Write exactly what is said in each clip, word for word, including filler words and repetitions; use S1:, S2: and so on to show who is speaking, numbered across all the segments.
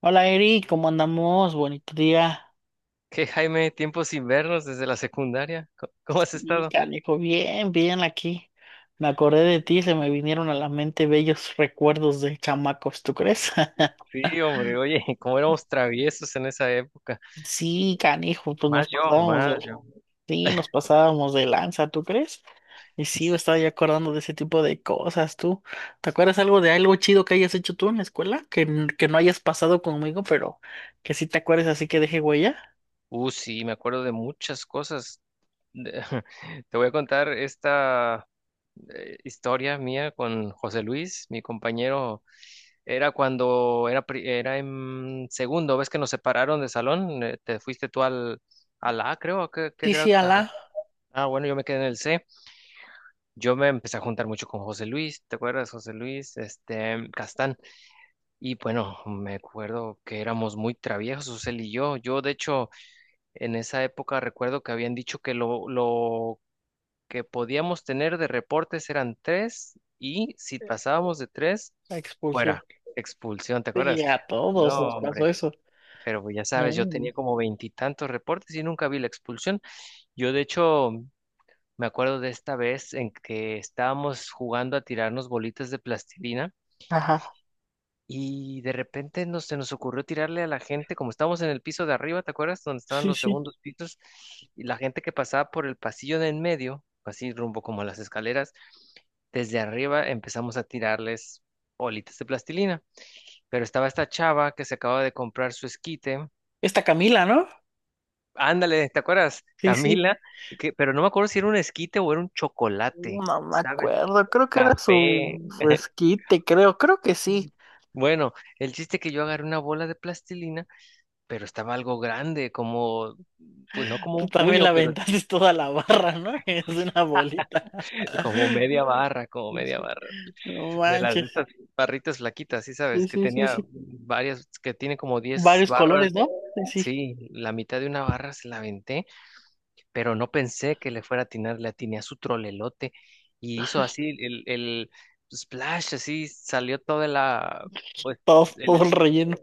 S1: Hola Eri, ¿cómo andamos? Bonito día.
S2: ¿Qué, Jaime? Tiempo sin vernos desde la secundaria. Co- ¿Cómo has
S1: Sí,
S2: estado?
S1: canijo, bien, bien aquí. Me acordé de ti, se me vinieron a la mente bellos recuerdos de chamacos, ¿tú crees?
S2: Sí, hombre, oye, cómo éramos traviesos en esa época.
S1: Sí, canijo, pues nos
S2: Más yo,
S1: pasábamos de,
S2: más yo.
S1: sí, nos pasábamos de lanza, ¿tú crees? Y sí, me estaba ya acordando de ese tipo de cosas, tú. ¿Te acuerdas algo de algo chido que hayas hecho tú en la escuela? Que, n- que no hayas pasado conmigo, pero que sí te acuerdes así que deje huella.
S2: Uh, sí, me acuerdo de muchas cosas. De- Te voy a contar esta eh, historia mía con José Luis, mi compañero. Era cuando era, pri- era en segundo, ves que nos separaron de salón. Eh, te fuiste tú al, al A, creo. ¿A qué, qué
S1: Sí,
S2: grado?
S1: sí, a la
S2: ta- Ah, bueno, yo me quedé en el C. Yo me empecé a juntar mucho con José Luis, ¿te acuerdas, José Luis? Este, Castán. Y bueno, me acuerdo que éramos muy traviesos, él y yo. Yo, de hecho, en esa época recuerdo que habían dicho que lo, lo que podíamos tener de reportes eran tres y si pasábamos de tres,
S1: expulsión.
S2: fuera, expulsión, ¿te
S1: Sí,
S2: acuerdas?
S1: a todos nos
S2: No,
S1: pasó
S2: hombre,
S1: eso.
S2: pero pues ya sabes, yo tenía como veintitantos reportes y nunca vi la expulsión. Yo, de hecho, me acuerdo de esta vez en que estábamos jugando a tirarnos bolitas de plastilina
S1: Ajá,
S2: y de repente nos, se nos ocurrió tirarle a la gente, como estábamos en el piso de arriba, ¿te acuerdas? Donde estaban
S1: sí,
S2: los
S1: sí.
S2: segundos pisos y la gente que pasaba por el pasillo de en medio, así rumbo como a las escaleras, desde arriba empezamos a tirarles bolitas de plastilina. Pero estaba esta chava que se acaba de comprar su esquite.
S1: Esta Camila, ¿no?
S2: Ándale, ¿te acuerdas?
S1: Sí, sí.
S2: Camila, que, pero no me acuerdo si era un esquite o era un chocolate.
S1: No me
S2: ¿Sabes?
S1: acuerdo, creo que era su,
S2: Café.
S1: su esquite, creo, creo que sí.
S2: Bueno, el chiste que yo agarré una bola de plastilina, pero estaba algo grande, como, pues no como
S1: Tú
S2: un
S1: también
S2: puño,
S1: la
S2: pero
S1: aventaste toda la barra, ¿no? Es una bolita.
S2: como media barra, como
S1: Sí,
S2: media
S1: sí.
S2: barra.
S1: No
S2: De las de
S1: manches.
S2: estas barritas flaquitas, sí
S1: Sí,
S2: sabes, que
S1: sí, sí,
S2: tenía
S1: sí.
S2: varias, que tiene como diez
S1: Varios
S2: barras.
S1: colores, ¿no? Sí, sí.
S2: Sí, la mitad de una barra se la aventé, pero no pensé que le fuera a atinar, le atiné a su trolelote y hizo así el, el splash, así salió toda la, pues,
S1: Todo, todo
S2: el-
S1: el relleno.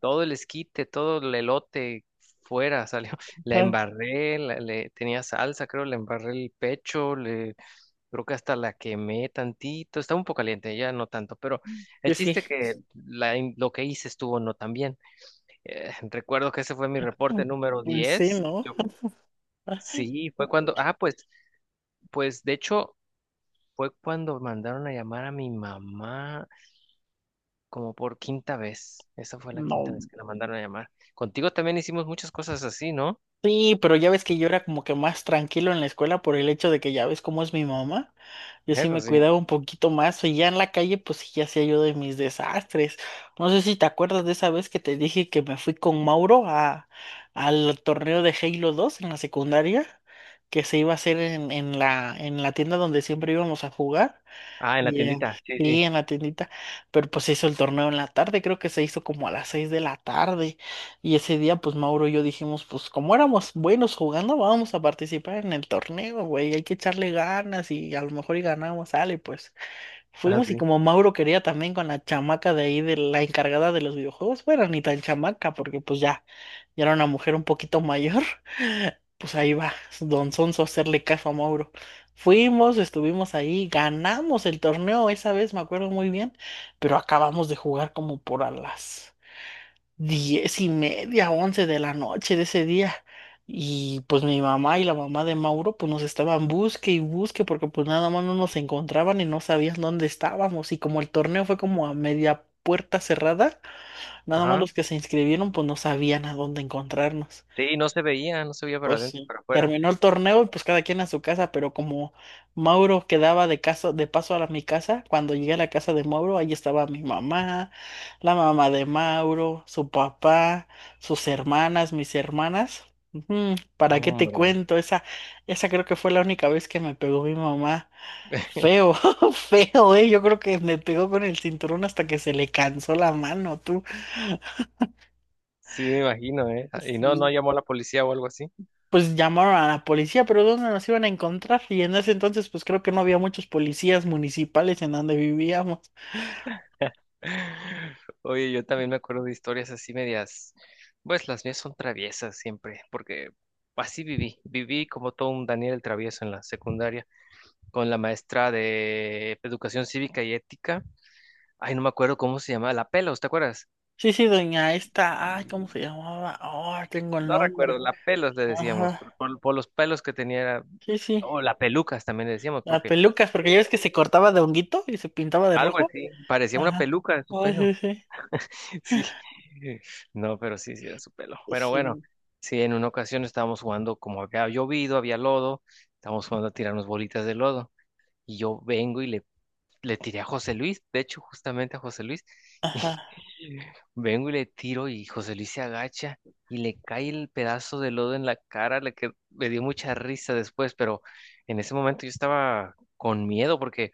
S2: todo el esquite, todo el elote fuera salió. La
S1: Ajá.
S2: embarré, la- le tenía salsa, creo, le embarré el pecho, le creo que hasta la quemé tantito, estaba un poco caliente, ya no tanto, pero el
S1: Sí, sí.
S2: chiste que la, in- lo que hice estuvo no tan bien. Eh, recuerdo que ese fue mi
S1: Ah,
S2: reporte número
S1: pues sí,
S2: diez.
S1: ¿no?
S2: Yo- sí, fue cuando, ah, pues pues de hecho fue cuando mandaron a llamar a mi mamá como por quinta vez. Esa fue la quinta
S1: No.
S2: vez que la mandaron a llamar. Contigo también hicimos muchas cosas así, ¿no?
S1: Sí, pero ya ves que yo era como que más tranquilo en la escuela por el hecho de que ya ves cómo es mi mamá. Yo sí
S2: Eso
S1: me
S2: sí.
S1: cuidaba un poquito más y ya en la calle pues sí ya hacía yo de mis desastres. No sé si te acuerdas de esa vez que te dije que me fui con Mauro a al torneo de Halo dos en la secundaria que se iba a hacer en, en la en la tienda donde siempre íbamos a jugar.
S2: Ah, en la
S1: Y en-
S2: tiendita. Sí, sí.
S1: sí, en la tiendita, pero pues se hizo el torneo en la tarde, creo que se hizo como a las seis de la tarde. Y ese día, pues Mauro y yo dijimos, pues como éramos buenos jugando, vamos a participar en el torneo, güey, hay que echarle ganas y a lo mejor y ganamos, sale, pues.
S2: Ajá,
S1: Fuimos y
S2: sí.
S1: como Mauro quería también con la chamaca de ahí, de la encargada de los videojuegos, bueno, ni tan chamaca, porque pues ya, ya era una mujer un poquito mayor, pues ahí va, Don Sonso a hacerle caso a Mauro. Fuimos, estuvimos ahí, ganamos el torneo esa vez, me acuerdo muy bien, pero acabamos de jugar como por a las diez y media, once de la noche de ese día. Y pues mi mamá y la mamá de Mauro pues nos estaban busque y busque porque pues nada más no nos encontraban y no sabían dónde estábamos. Y como el torneo fue como a media puerta cerrada, nada más
S2: Ajá.
S1: los que se inscribieron pues no sabían a dónde encontrarnos.
S2: Sí, no se veía, no se veía para
S1: Pues
S2: adentro,
S1: sí.
S2: para afuera.
S1: Terminó el torneo y pues cada quien a su casa, pero como Mauro quedaba de casa, de paso a la- mi casa, cuando llegué a la casa de Mauro, ahí estaba mi mamá, la mamá de Mauro, su papá, sus hermanas, mis hermanas. Ujú. ¿Para qué te
S2: Hombre.
S1: cuento? Esa, esa creo que fue la única vez que me pegó mi mamá. Feo, feo, eh. Yo creo que me pegó con el cinturón hasta que se le cansó la mano, tú.
S2: Sí, me imagino, ¿eh? Y no, no
S1: Sí.
S2: llamó la policía o algo así.
S1: Pues llamaron a la policía, pero ¿dónde nos iban a encontrar? Y en ese entonces, pues creo que no había muchos policías municipales en donde vivíamos.
S2: Oye, yo también me acuerdo de historias así medias, pues las mías son traviesas siempre, porque así viví, viví como todo un Daniel el travieso en la secundaria, con la maestra de educación cívica y ética, ay, no me acuerdo cómo se llamaba, la Pelos, ¿te acuerdas?
S1: Sí, sí, doña esta, ay, ¿cómo se llamaba? Oh, tengo el
S2: No recuerdo,
S1: nombre.
S2: la Pelos le decíamos,
S1: Ajá,
S2: por, por- por los pelos que tenía, era-
S1: sí, sí.
S2: o la Pelucas también le decíamos,
S1: La
S2: porque
S1: pelucas, porque ya ves que se cortaba de honguito y se pintaba de
S2: algo
S1: rojo.
S2: así, parecía una
S1: Ajá.
S2: peluca de su
S1: Ay,
S2: pelo.
S1: sí, sí.
S2: Sí, no, pero sí, sí era su pelo.
S1: Pues
S2: Pero bueno,
S1: sí.
S2: sí, en una ocasión estábamos jugando, como había llovido, había lodo, estábamos jugando a tirarnos bolitas de lodo. Y yo vengo y le, le tiré a José Luis, de hecho, justamente a José Luis.
S1: Ajá.
S2: Y vengo y le tiro y José Luis se agacha y le cae el pedazo de lodo en la cara, la que me dio mucha risa después, pero en ese momento yo estaba con miedo porque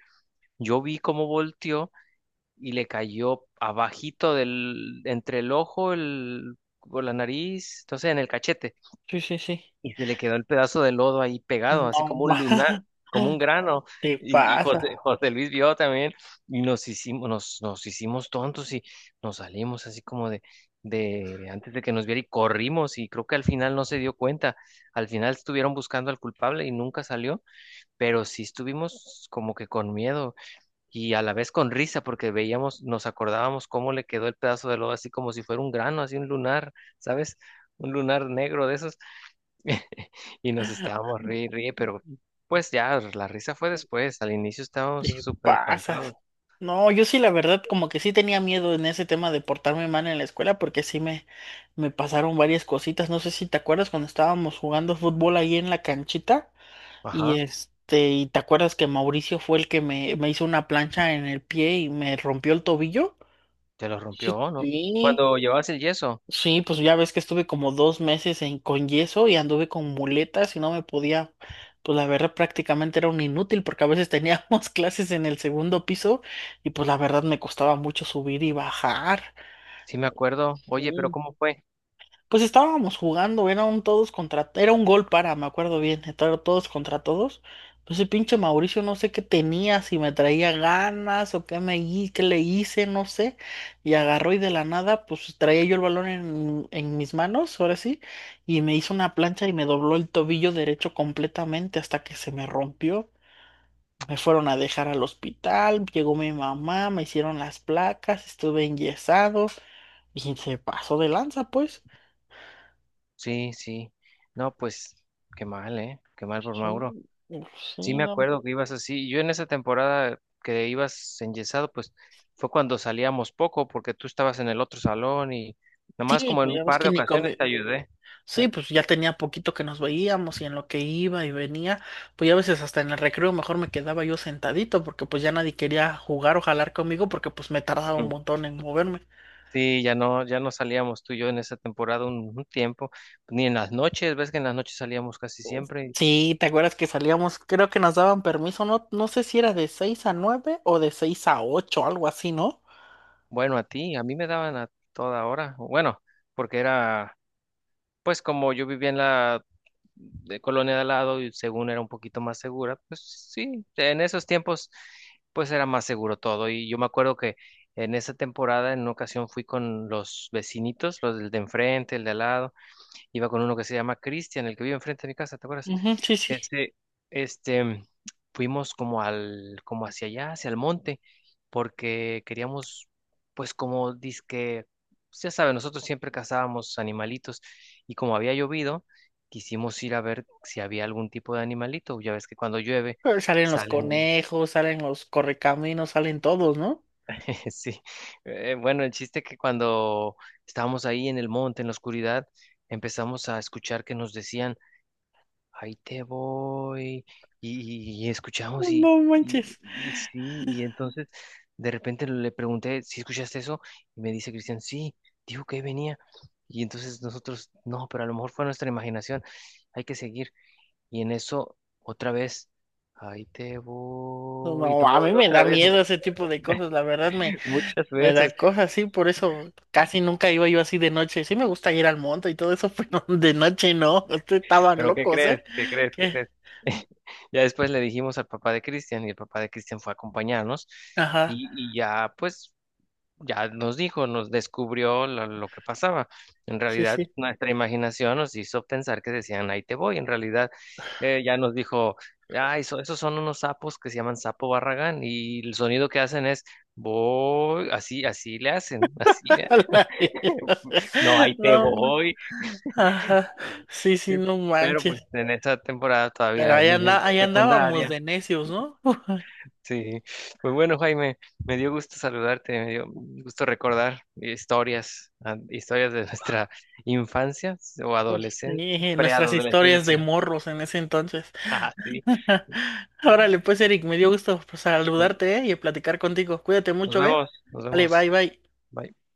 S2: yo vi cómo volteó y le cayó abajito del, entre el ojo, el, o la nariz, entonces en el cachete,
S1: Sí, sí, sí.
S2: y se le quedó el pedazo de lodo ahí pegado, así
S1: No,
S2: como
S1: ma.
S2: un lunar, como un grano.
S1: Te
S2: Y, y
S1: pasa.
S2: José, José Luis vio también, y nos hicimos, nos, nos hicimos tontos y nos salimos así como de, de antes de que nos viera y corrimos, y creo que al final no se dio cuenta. Al final estuvieron buscando al culpable y nunca salió, pero sí estuvimos como que con miedo y a la vez con risa porque veíamos, nos acordábamos cómo le quedó el pedazo de lodo así como si fuera un grano, así un lunar, ¿sabes? Un lunar negro de esos. Y nos estábamos ríe y ríe, pero pues ya la risa fue después, al inicio estábamos
S1: Te
S2: súper espantados.
S1: pasas. No, yo sí, la verdad, como que sí tenía miedo en ese tema de portarme mal en la escuela, porque sí me, me, pasaron varias cositas. No sé si te acuerdas cuando estábamos jugando fútbol ahí en la canchita, y
S2: Ajá,
S1: este, y te acuerdas que Mauricio fue el que me, me hizo una plancha en el pie y me rompió el tobillo.
S2: te lo rompió, ¿no?
S1: Sí.
S2: Cuando llevabas el yeso,
S1: Sí, pues ya ves que estuve como dos meses en, con yeso y anduve con muletas y no me podía, pues la verdad prácticamente era un inútil porque a veces teníamos clases en el segundo piso y pues la verdad me costaba mucho subir y bajar.
S2: sí me acuerdo. Oye, pero
S1: Sí.
S2: ¿cómo fue?
S1: Pues estábamos jugando, era un todos contra, era un gol para, me acuerdo bien, era todos contra todos. Pues el pinche Mauricio no sé qué tenía, si me traía ganas o qué me hi- qué le hice, no sé. Y agarró y de la nada, pues traía yo el balón en, en mis manos, ahora sí, y me hizo una plancha y me dobló el tobillo derecho completamente hasta que se me rompió. Me fueron a dejar al hospital, llegó mi mamá, me hicieron las placas, estuve enyesado y se pasó de lanza, pues.
S2: Sí, sí. No, pues qué mal, ¿eh? Qué mal por Mauro.
S1: Sí,
S2: Sí,
S1: sí,
S2: me
S1: no.
S2: acuerdo que ibas así. Yo en esa temporada que ibas enyesado, pues fue cuando salíamos poco, porque tú estabas en el otro salón y nomás
S1: Sí,
S2: como en
S1: pues
S2: un
S1: ya ves
S2: par
S1: que
S2: de
S1: ni
S2: ocasiones
S1: comí.
S2: te ayudé. Ah,
S1: Sí, pues ya tenía poquito que nos veíamos y en lo que iba y venía, pues ya a veces hasta en el recreo mejor me quedaba yo sentadito porque pues ya nadie quería jugar o jalar conmigo porque pues me tardaba un
S2: ujú.
S1: montón en moverme.
S2: Sí, ya no, ya no salíamos tú y yo en esa temporada un, un tiempo, ni en las noches, ves que en las noches salíamos casi
S1: Uf.
S2: siempre.
S1: Sí, ¿te acuerdas que salíamos? Creo que nos daban permiso, no, no sé si era de seis a nueve o de seis a ocho algo así, ¿no?
S2: Bueno, a ti, a mí me daban a toda hora. Bueno, porque era Pues como yo vivía en la de colonia de al lado y según era un poquito más segura, pues sí, en esos tiempos pues era más seguro todo. Y yo me acuerdo que en esa temporada en una ocasión fui con los vecinitos, los del de enfrente, el de al lado. Iba con uno que se llama Cristian, el que vive enfrente de mi casa, ¿te acuerdas?
S1: Ujú, sí, sí.
S2: Este, este, fuimos como al, como hacia allá, hacia el monte, porque queríamos, pues como dizque, pues, ya saben, nosotros siempre cazábamos animalitos y como había llovido, quisimos ir a ver si había algún tipo de animalito. Ya ves que cuando llueve
S1: Pero salen los
S2: salen,
S1: conejos, salen los correcaminos, salen todos, ¿no?
S2: sí. Eh, bueno, el chiste que cuando estábamos ahí en el monte, en la oscuridad, empezamos a escuchar que nos decían ahí te voy, y, y- y escuchamos, y,
S1: No
S2: y,
S1: manches.
S2: y sí, y entonces de repente le pregunté si escuchaste eso, y me dice Cristian, sí, dijo que ahí venía, y entonces nosotros, no, pero a lo mejor fue nuestra imaginación, hay que seguir, y en eso otra vez, ahí te
S1: No,
S2: voy, y
S1: no, a mí
S2: todo,
S1: me
S2: otra
S1: da
S2: vez,
S1: miedo ese tipo de cosas, la verdad me,
S2: muchas
S1: me da
S2: veces,
S1: cosas así, por eso casi nunca iba yo así de noche. Sí me gusta ir al monte y todo eso, pero de noche no, ustedes estaban
S2: pero ¿qué
S1: locos, ¿eh?
S2: crees? ¿Qué crees? ¿Qué
S1: ¿Qué?
S2: crees? Ya después le dijimos al papá de Cristian, y el papá de Cristian fue a acompañarnos.
S1: Ajá,
S2: Y, y ya, pues ya nos dijo, nos descubrió lo, lo que pasaba. En
S1: sí,
S2: realidad,
S1: sí.
S2: nuestra imaginación nos hizo pensar que decían, ahí te voy. En realidad, eh, ya nos dijo, ah, eso, esos son unos sapos que se llaman sapo barragán y el sonido que hacen es, voy, así, así le hacen, así le,
S1: A la mierda.
S2: no, ahí te
S1: No, man-
S2: voy.
S1: ajá,
S2: Y-
S1: sí, sí,
S2: y-
S1: no
S2: Pero pues
S1: manches.
S2: en esa temporada
S1: Pero
S2: todavía
S1: ahí
S2: niños
S1: anda, ahí andábamos
S2: secundarios.
S1: de necios, ¿no?
S2: Sí, pues bueno, Jaime, me dio gusto saludarte, me dio gusto recordar historias, ah, historias de nuestra infancia o adolescencia,
S1: Sí, nuestras historias de
S2: preadolescencia.
S1: morros en ese entonces.
S2: Ah, sí.
S1: Órale, pues Eric, me dio gusto pues,
S2: Nos
S1: saludarte, ¿eh? Y platicar contigo. Cuídate
S2: Nos
S1: mucho, ¿eh?
S2: vemos, nos
S1: Vale,
S2: vemos.
S1: bye, bye.
S2: Bye.